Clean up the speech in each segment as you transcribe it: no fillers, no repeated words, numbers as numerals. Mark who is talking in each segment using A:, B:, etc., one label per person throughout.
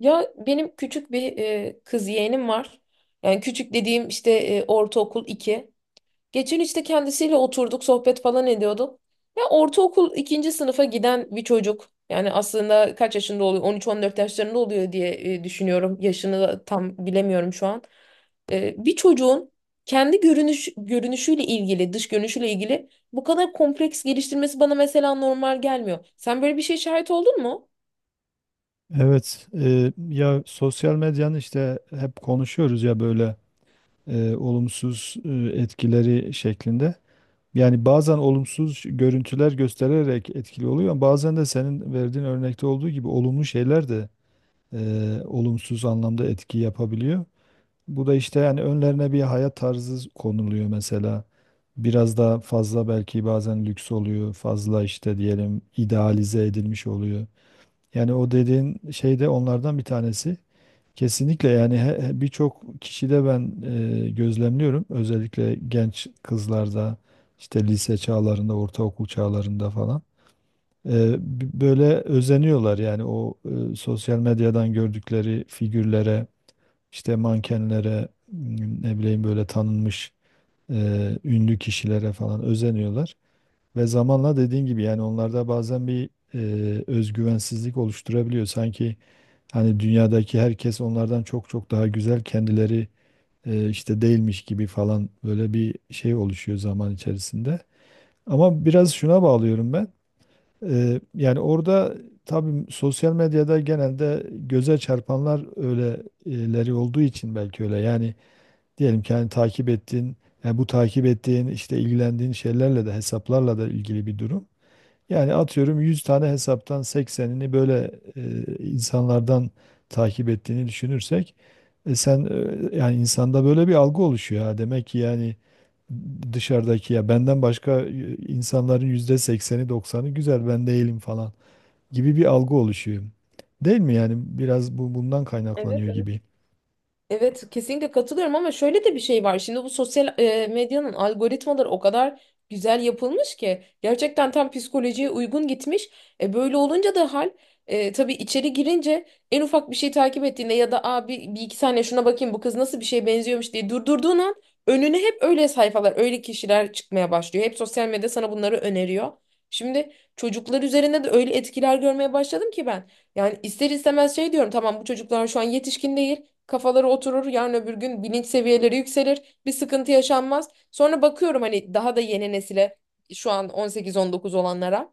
A: Ya benim küçük bir kız yeğenim var. Yani küçük dediğim işte ortaokul 2. Geçen işte kendisiyle oturduk, sohbet falan ediyorduk. Ya ortaokul ikinci sınıfa giden bir çocuk. Yani aslında kaç yaşında oluyor? 13-14 yaşlarında oluyor diye düşünüyorum. Yaşını da tam bilemiyorum şu an. Bir çocuğun kendi görünüşüyle ilgili, dış görünüşüyle ilgili bu kadar kompleks geliştirmesi bana mesela normal gelmiyor. Sen böyle bir şey şahit oldun mu?
B: Evet, ya sosyal medyanın işte hep konuşuyoruz ya böyle olumsuz etkileri şeklinde. Yani bazen olumsuz görüntüler göstererek etkili oluyor ama bazen de senin verdiğin örnekte olduğu gibi olumlu şeyler de olumsuz anlamda etki yapabiliyor. Bu da işte yani önlerine bir hayat tarzı konuluyor mesela. Biraz daha fazla belki bazen lüks oluyor, fazla işte diyelim idealize edilmiş oluyor. Yani o dediğin şey de onlardan bir tanesi. Kesinlikle yani birçok kişide ben gözlemliyorum. Özellikle genç kızlarda işte lise çağlarında, ortaokul çağlarında falan. Böyle özeniyorlar yani o sosyal medyadan gördükleri figürlere, işte mankenlere, ne bileyim böyle tanınmış ünlü kişilere falan özeniyorlar. Ve zamanla dediğin gibi yani onlarda bazen bir özgüvensizlik oluşturabiliyor. Sanki hani dünyadaki herkes onlardan çok çok daha güzel kendileri işte değilmiş gibi falan böyle bir şey oluşuyor zaman içerisinde. Ama biraz şuna bağlıyorum ben. Yani orada tabii sosyal medyada genelde göze çarpanlar öyleleri olduğu için belki öyle. Yani diyelim ki hani takip ettiğin, yani bu takip ettiğin işte ilgilendiğin şeylerle de hesaplarla da ilgili bir durum. Yani atıyorum 100 tane hesaptan 80'ini böyle insanlardan takip ettiğini düşünürsek e, sen yani insanda böyle bir algı oluşuyor ha. Demek ki yani dışarıdaki ya benden başka insanların yüzde 80'i 90'ı güzel ben değilim falan gibi bir algı oluşuyor. Değil mi yani biraz bu bundan
A: Evet.
B: kaynaklanıyor gibi.
A: Evet, kesinlikle katılıyorum ama şöyle de bir şey var. Şimdi bu sosyal medyanın algoritmaları o kadar güzel yapılmış ki gerçekten tam psikolojiye uygun gitmiş. E, böyle olunca da tabii içeri girince en ufak bir şey takip ettiğinde ya da abi bir iki saniye şuna bakayım bu kız nasıl bir şeye benziyormuş diye durdurduğun an önüne hep öyle sayfalar, öyle kişiler çıkmaya başlıyor. Hep sosyal medya sana bunları öneriyor. Şimdi çocuklar üzerinde de öyle etkiler görmeye başladım ki ben. Yani ister istemez şey diyorum, tamam, bu çocuklar şu an yetişkin değil, kafaları oturur. Yarın öbür gün bilinç seviyeleri yükselir. Bir sıkıntı yaşanmaz. Sonra bakıyorum hani daha da yeni nesile, şu an 18-19 olanlara.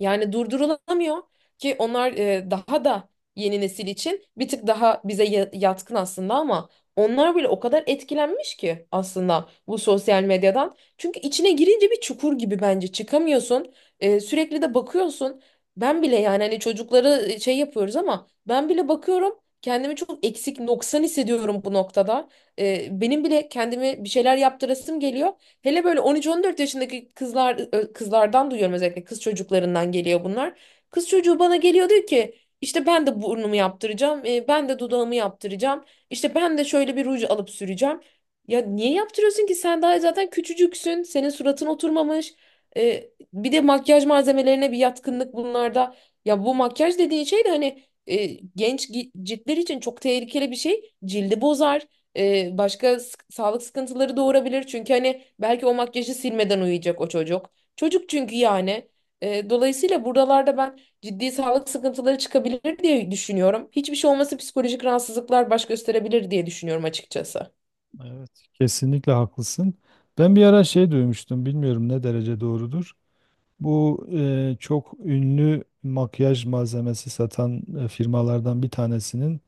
A: Yani durdurulamıyor ki onlar daha da yeni nesil için bir tık daha bize yatkın aslında ama onlar bile o kadar etkilenmiş ki aslında bu sosyal medyadan. Çünkü içine girince bir çukur gibi bence çıkamıyorsun. E, sürekli de bakıyorsun. Ben bile yani hani çocukları şey yapıyoruz ama ben bile bakıyorum kendimi çok eksik noksan hissediyorum bu noktada. E, benim bile kendimi bir şeyler yaptırasım geliyor. Hele böyle 13-14 yaşındaki kızlar kızlardan duyuyorum, özellikle kız çocuklarından geliyor bunlar. Kız çocuğu bana geliyor diyor ki işte ben de burnumu yaptıracağım, ben de dudağımı yaptıracağım, işte ben de şöyle bir ruj alıp süreceğim. Ya niye yaptırıyorsun ki, sen daha zaten küçücüksün, senin suratın oturmamış. E, bir de makyaj malzemelerine bir yatkınlık bunlarda. Ya bu makyaj dediğin şey de hani ciltler için çok tehlikeli bir şey. Cildi bozar, başka sağlık sıkıntıları doğurabilir. Çünkü hani belki o makyajı silmeden uyuyacak o çocuk. Çocuk çünkü yani. E, dolayısıyla buralarda ben ciddi sağlık sıkıntıları çıkabilir diye düşünüyorum. Hiçbir şey olması psikolojik rahatsızlıklar baş gösterebilir diye düşünüyorum açıkçası.
B: Evet, kesinlikle haklısın. Ben bir ara şey duymuştum, bilmiyorum ne derece doğrudur. Bu çok ünlü makyaj malzemesi satan firmalardan bir tanesinin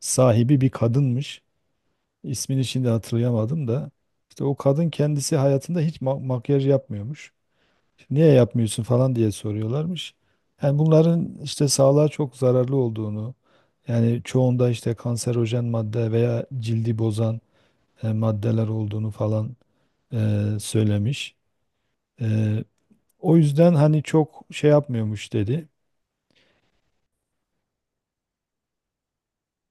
B: sahibi bir kadınmış. İsmini şimdi hatırlayamadım da. İşte o kadın kendisi hayatında hiç makyaj yapmıyormuş. Niye yapmıyorsun falan diye soruyorlarmış. Yani bunların işte sağlığa çok zararlı olduğunu, yani çoğunda işte kanserojen madde veya cildi bozan maddeler olduğunu falan söylemiş. E, O yüzden hani çok şey yapmıyormuş dedi.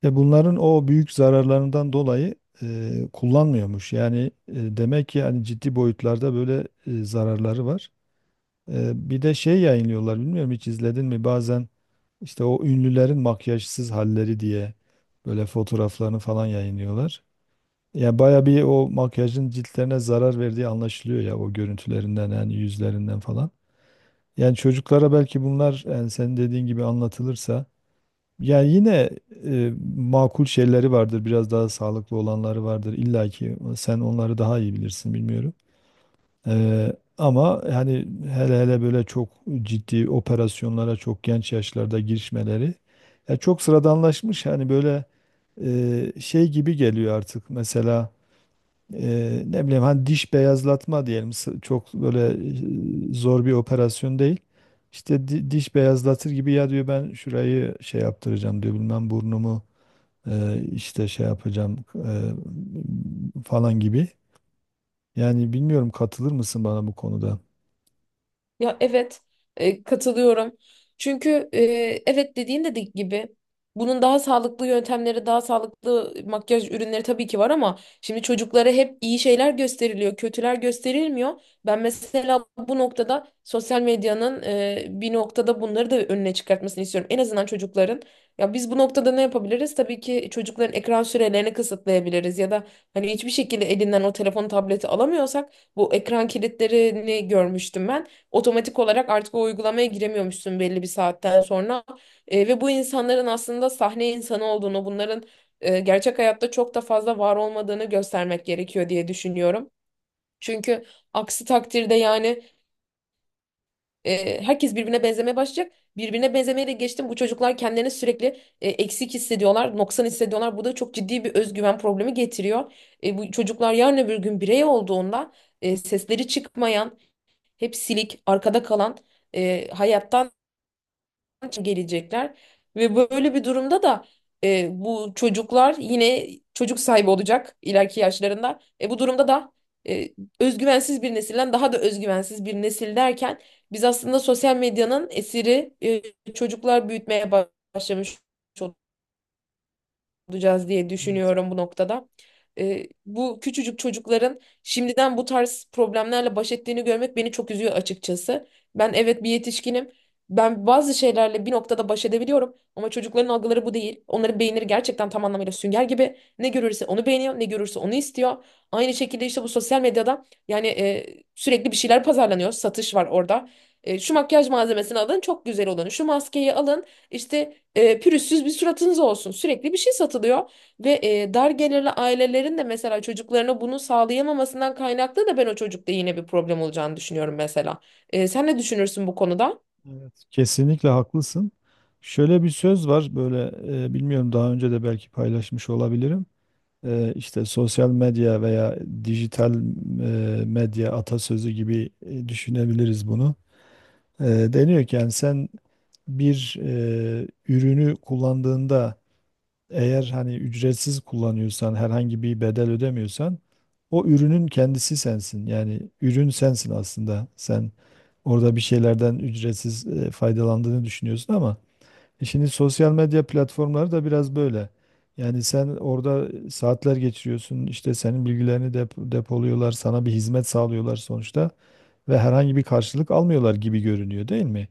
B: Ve bunların o büyük zararlarından dolayı kullanmıyormuş. Yani demek ki yani ciddi boyutlarda böyle zararları var. Bir de şey yayınlıyorlar bilmiyorum hiç izledin mi bazen işte o ünlülerin makyajsız halleri diye böyle fotoğraflarını falan yayınlıyorlar. Yani baya bir o makyajın ciltlerine zarar verdiği anlaşılıyor ya o görüntülerinden yani yüzlerinden falan. Yani çocuklara belki bunlar yani senin dediğin gibi anlatılırsa yani yine makul şeyleri vardır, biraz daha sağlıklı olanları vardır. İlla ki sen onları daha iyi bilirsin bilmiyorum. Ama hani hele hele böyle çok ciddi operasyonlara çok genç yaşlarda girişmeleri ya çok sıradanlaşmış. Hani böyle şey gibi geliyor artık mesela ne bileyim hani diş beyazlatma diyelim çok böyle zor bir operasyon değil. İşte diş beyazlatır gibi ya diyor ben şurayı şey yaptıracağım diyor bilmem burnumu işte şey yapacağım falan gibi. Yani bilmiyorum katılır mısın bana bu konuda?
A: Ya evet, katılıyorum. Çünkü evet dediğin de gibi bunun daha sağlıklı yöntemleri, daha sağlıklı makyaj ürünleri tabii ki var ama şimdi çocuklara hep iyi şeyler gösteriliyor, kötüler gösterilmiyor. Ben mesela bu noktada sosyal medyanın bir noktada bunları da önüne çıkartmasını istiyorum. En azından çocukların. Ya biz bu noktada ne yapabiliriz? Tabii ki çocukların ekran sürelerini kısıtlayabiliriz ya da hani hiçbir şekilde elinden o telefon, tableti alamıyorsak bu ekran kilitlerini görmüştüm ben, otomatik olarak artık o uygulamaya giremiyormuşsun belli bir saatten sonra. E, ve bu insanların aslında sahne insanı olduğunu, bunların gerçek hayatta çok da fazla var olmadığını göstermek gerekiyor diye düşünüyorum. Çünkü aksi takdirde yani herkes birbirine benzemeye başlayacak. Birbirine benzemeye de geçtim. Bu çocuklar kendilerini sürekli eksik hissediyorlar, noksan hissediyorlar. Bu da çok ciddi bir özgüven problemi getiriyor. E, bu çocuklar yarın öbür gün birey olduğunda sesleri çıkmayan, hep silik, arkada kalan hayattan için gelecekler ve böyle bir durumda da bu çocuklar yine çocuk sahibi olacak ileriki yaşlarında. E, bu durumda da e, özgüvensiz bir nesilden daha da özgüvensiz bir nesil derken biz aslında sosyal medyanın esiri çocuklar büyütmeye başlamış olacağız diye düşünüyorum bu noktada. Bu küçücük çocukların şimdiden bu tarz problemlerle baş ettiğini görmek beni çok üzüyor açıkçası. Ben evet bir yetişkinim. Ben bazı şeylerle bir noktada baş edebiliyorum ama çocukların algıları bu değil. Onların beyinleri gerçekten tam anlamıyla sünger gibi. Ne görürse onu beğeniyor, ne görürse onu istiyor. Aynı şekilde işte bu sosyal medyada yani sürekli bir şeyler pazarlanıyor. Satış var orada. E, şu makyaj malzemesini alın, çok güzel olanı. Şu maskeyi alın. İşte pürüzsüz bir suratınız olsun. Sürekli bir şey satılıyor ve dar gelirli ailelerin de mesela çocuklarına bunu sağlayamamasından kaynaklı da ben o çocukta yine bir problem olacağını düşünüyorum mesela. E, sen ne düşünürsün bu konuda?
B: Evet. Kesinlikle haklısın. Şöyle bir söz var böyle bilmiyorum daha önce de belki paylaşmış olabilirim. İşte sosyal medya veya dijital medya atasözü gibi düşünebiliriz bunu. E, Deniyor ki yani sen bir ürünü kullandığında eğer hani ücretsiz kullanıyorsan, herhangi bir bedel ödemiyorsan o ürünün kendisi sensin. Yani ürün sensin aslında. Sen orada bir şeylerden ücretsiz faydalandığını düşünüyorsun ama şimdi sosyal medya platformları da biraz böyle. Yani sen orada saatler geçiriyorsun, işte senin bilgilerini depoluyorlar, sana bir hizmet sağlıyorlar sonuçta ve herhangi bir karşılık almıyorlar gibi görünüyor değil mi?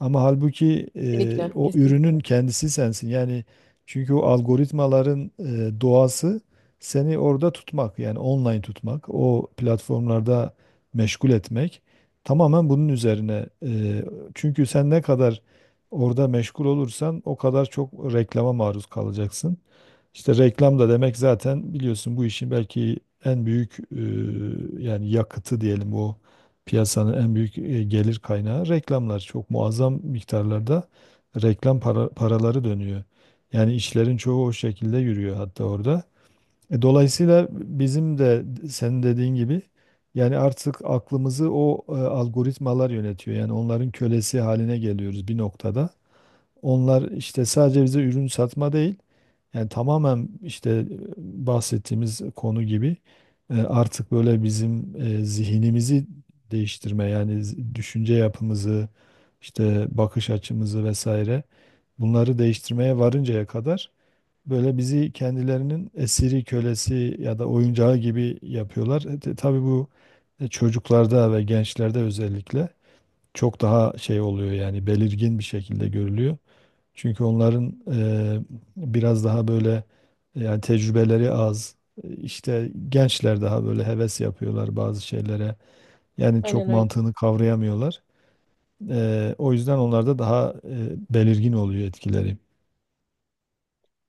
B: Ama halbuki
A: Kesinlikle,
B: o ürünün
A: kesinlikle.
B: kendisi sensin. Yani çünkü o algoritmaların doğası seni orada tutmak, yani online tutmak, o platformlarda meşgul etmek tamamen bunun üzerine. Çünkü sen ne kadar orada meşgul olursan o kadar çok reklama maruz kalacaksın. İşte reklam da demek zaten biliyorsun bu işin belki en büyük yani yakıtı diyelim. O piyasanın en büyük gelir kaynağı reklamlar. Çok muazzam miktarlarda reklam paraları dönüyor. Yani işlerin çoğu o şekilde yürüyor hatta orada. Dolayısıyla bizim de senin dediğin gibi yani artık aklımızı o algoritmalar yönetiyor. Yani onların kölesi haline geliyoruz bir noktada. Onlar işte sadece bize ürün satma değil, yani tamamen işte bahsettiğimiz konu gibi artık böyle bizim zihnimizi değiştirme yani düşünce yapımızı, işte bakış açımızı vesaire bunları değiştirmeye varıncaya kadar böyle bizi kendilerinin esiri, kölesi ya da oyuncağı gibi yapıyorlar. Tabii bu çocuklarda ve gençlerde özellikle çok daha şey oluyor yani belirgin bir şekilde görülüyor. Çünkü onların biraz daha böyle yani tecrübeleri az. İşte gençler daha böyle heves yapıyorlar bazı şeylere. Yani çok
A: Aynen öyle.
B: mantığını kavrayamıyorlar. O yüzden onlarda daha belirgin oluyor etkileri.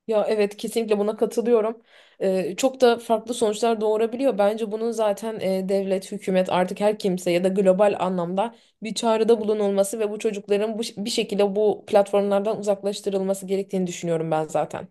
A: Ya evet, kesinlikle buna katılıyorum. Çok da farklı sonuçlar doğurabiliyor. Bence bunun zaten devlet, hükümet artık her kimse ya da global anlamda bir çağrıda bulunulması ve bu çocukların bu, bir şekilde bu platformlardan uzaklaştırılması gerektiğini düşünüyorum ben zaten.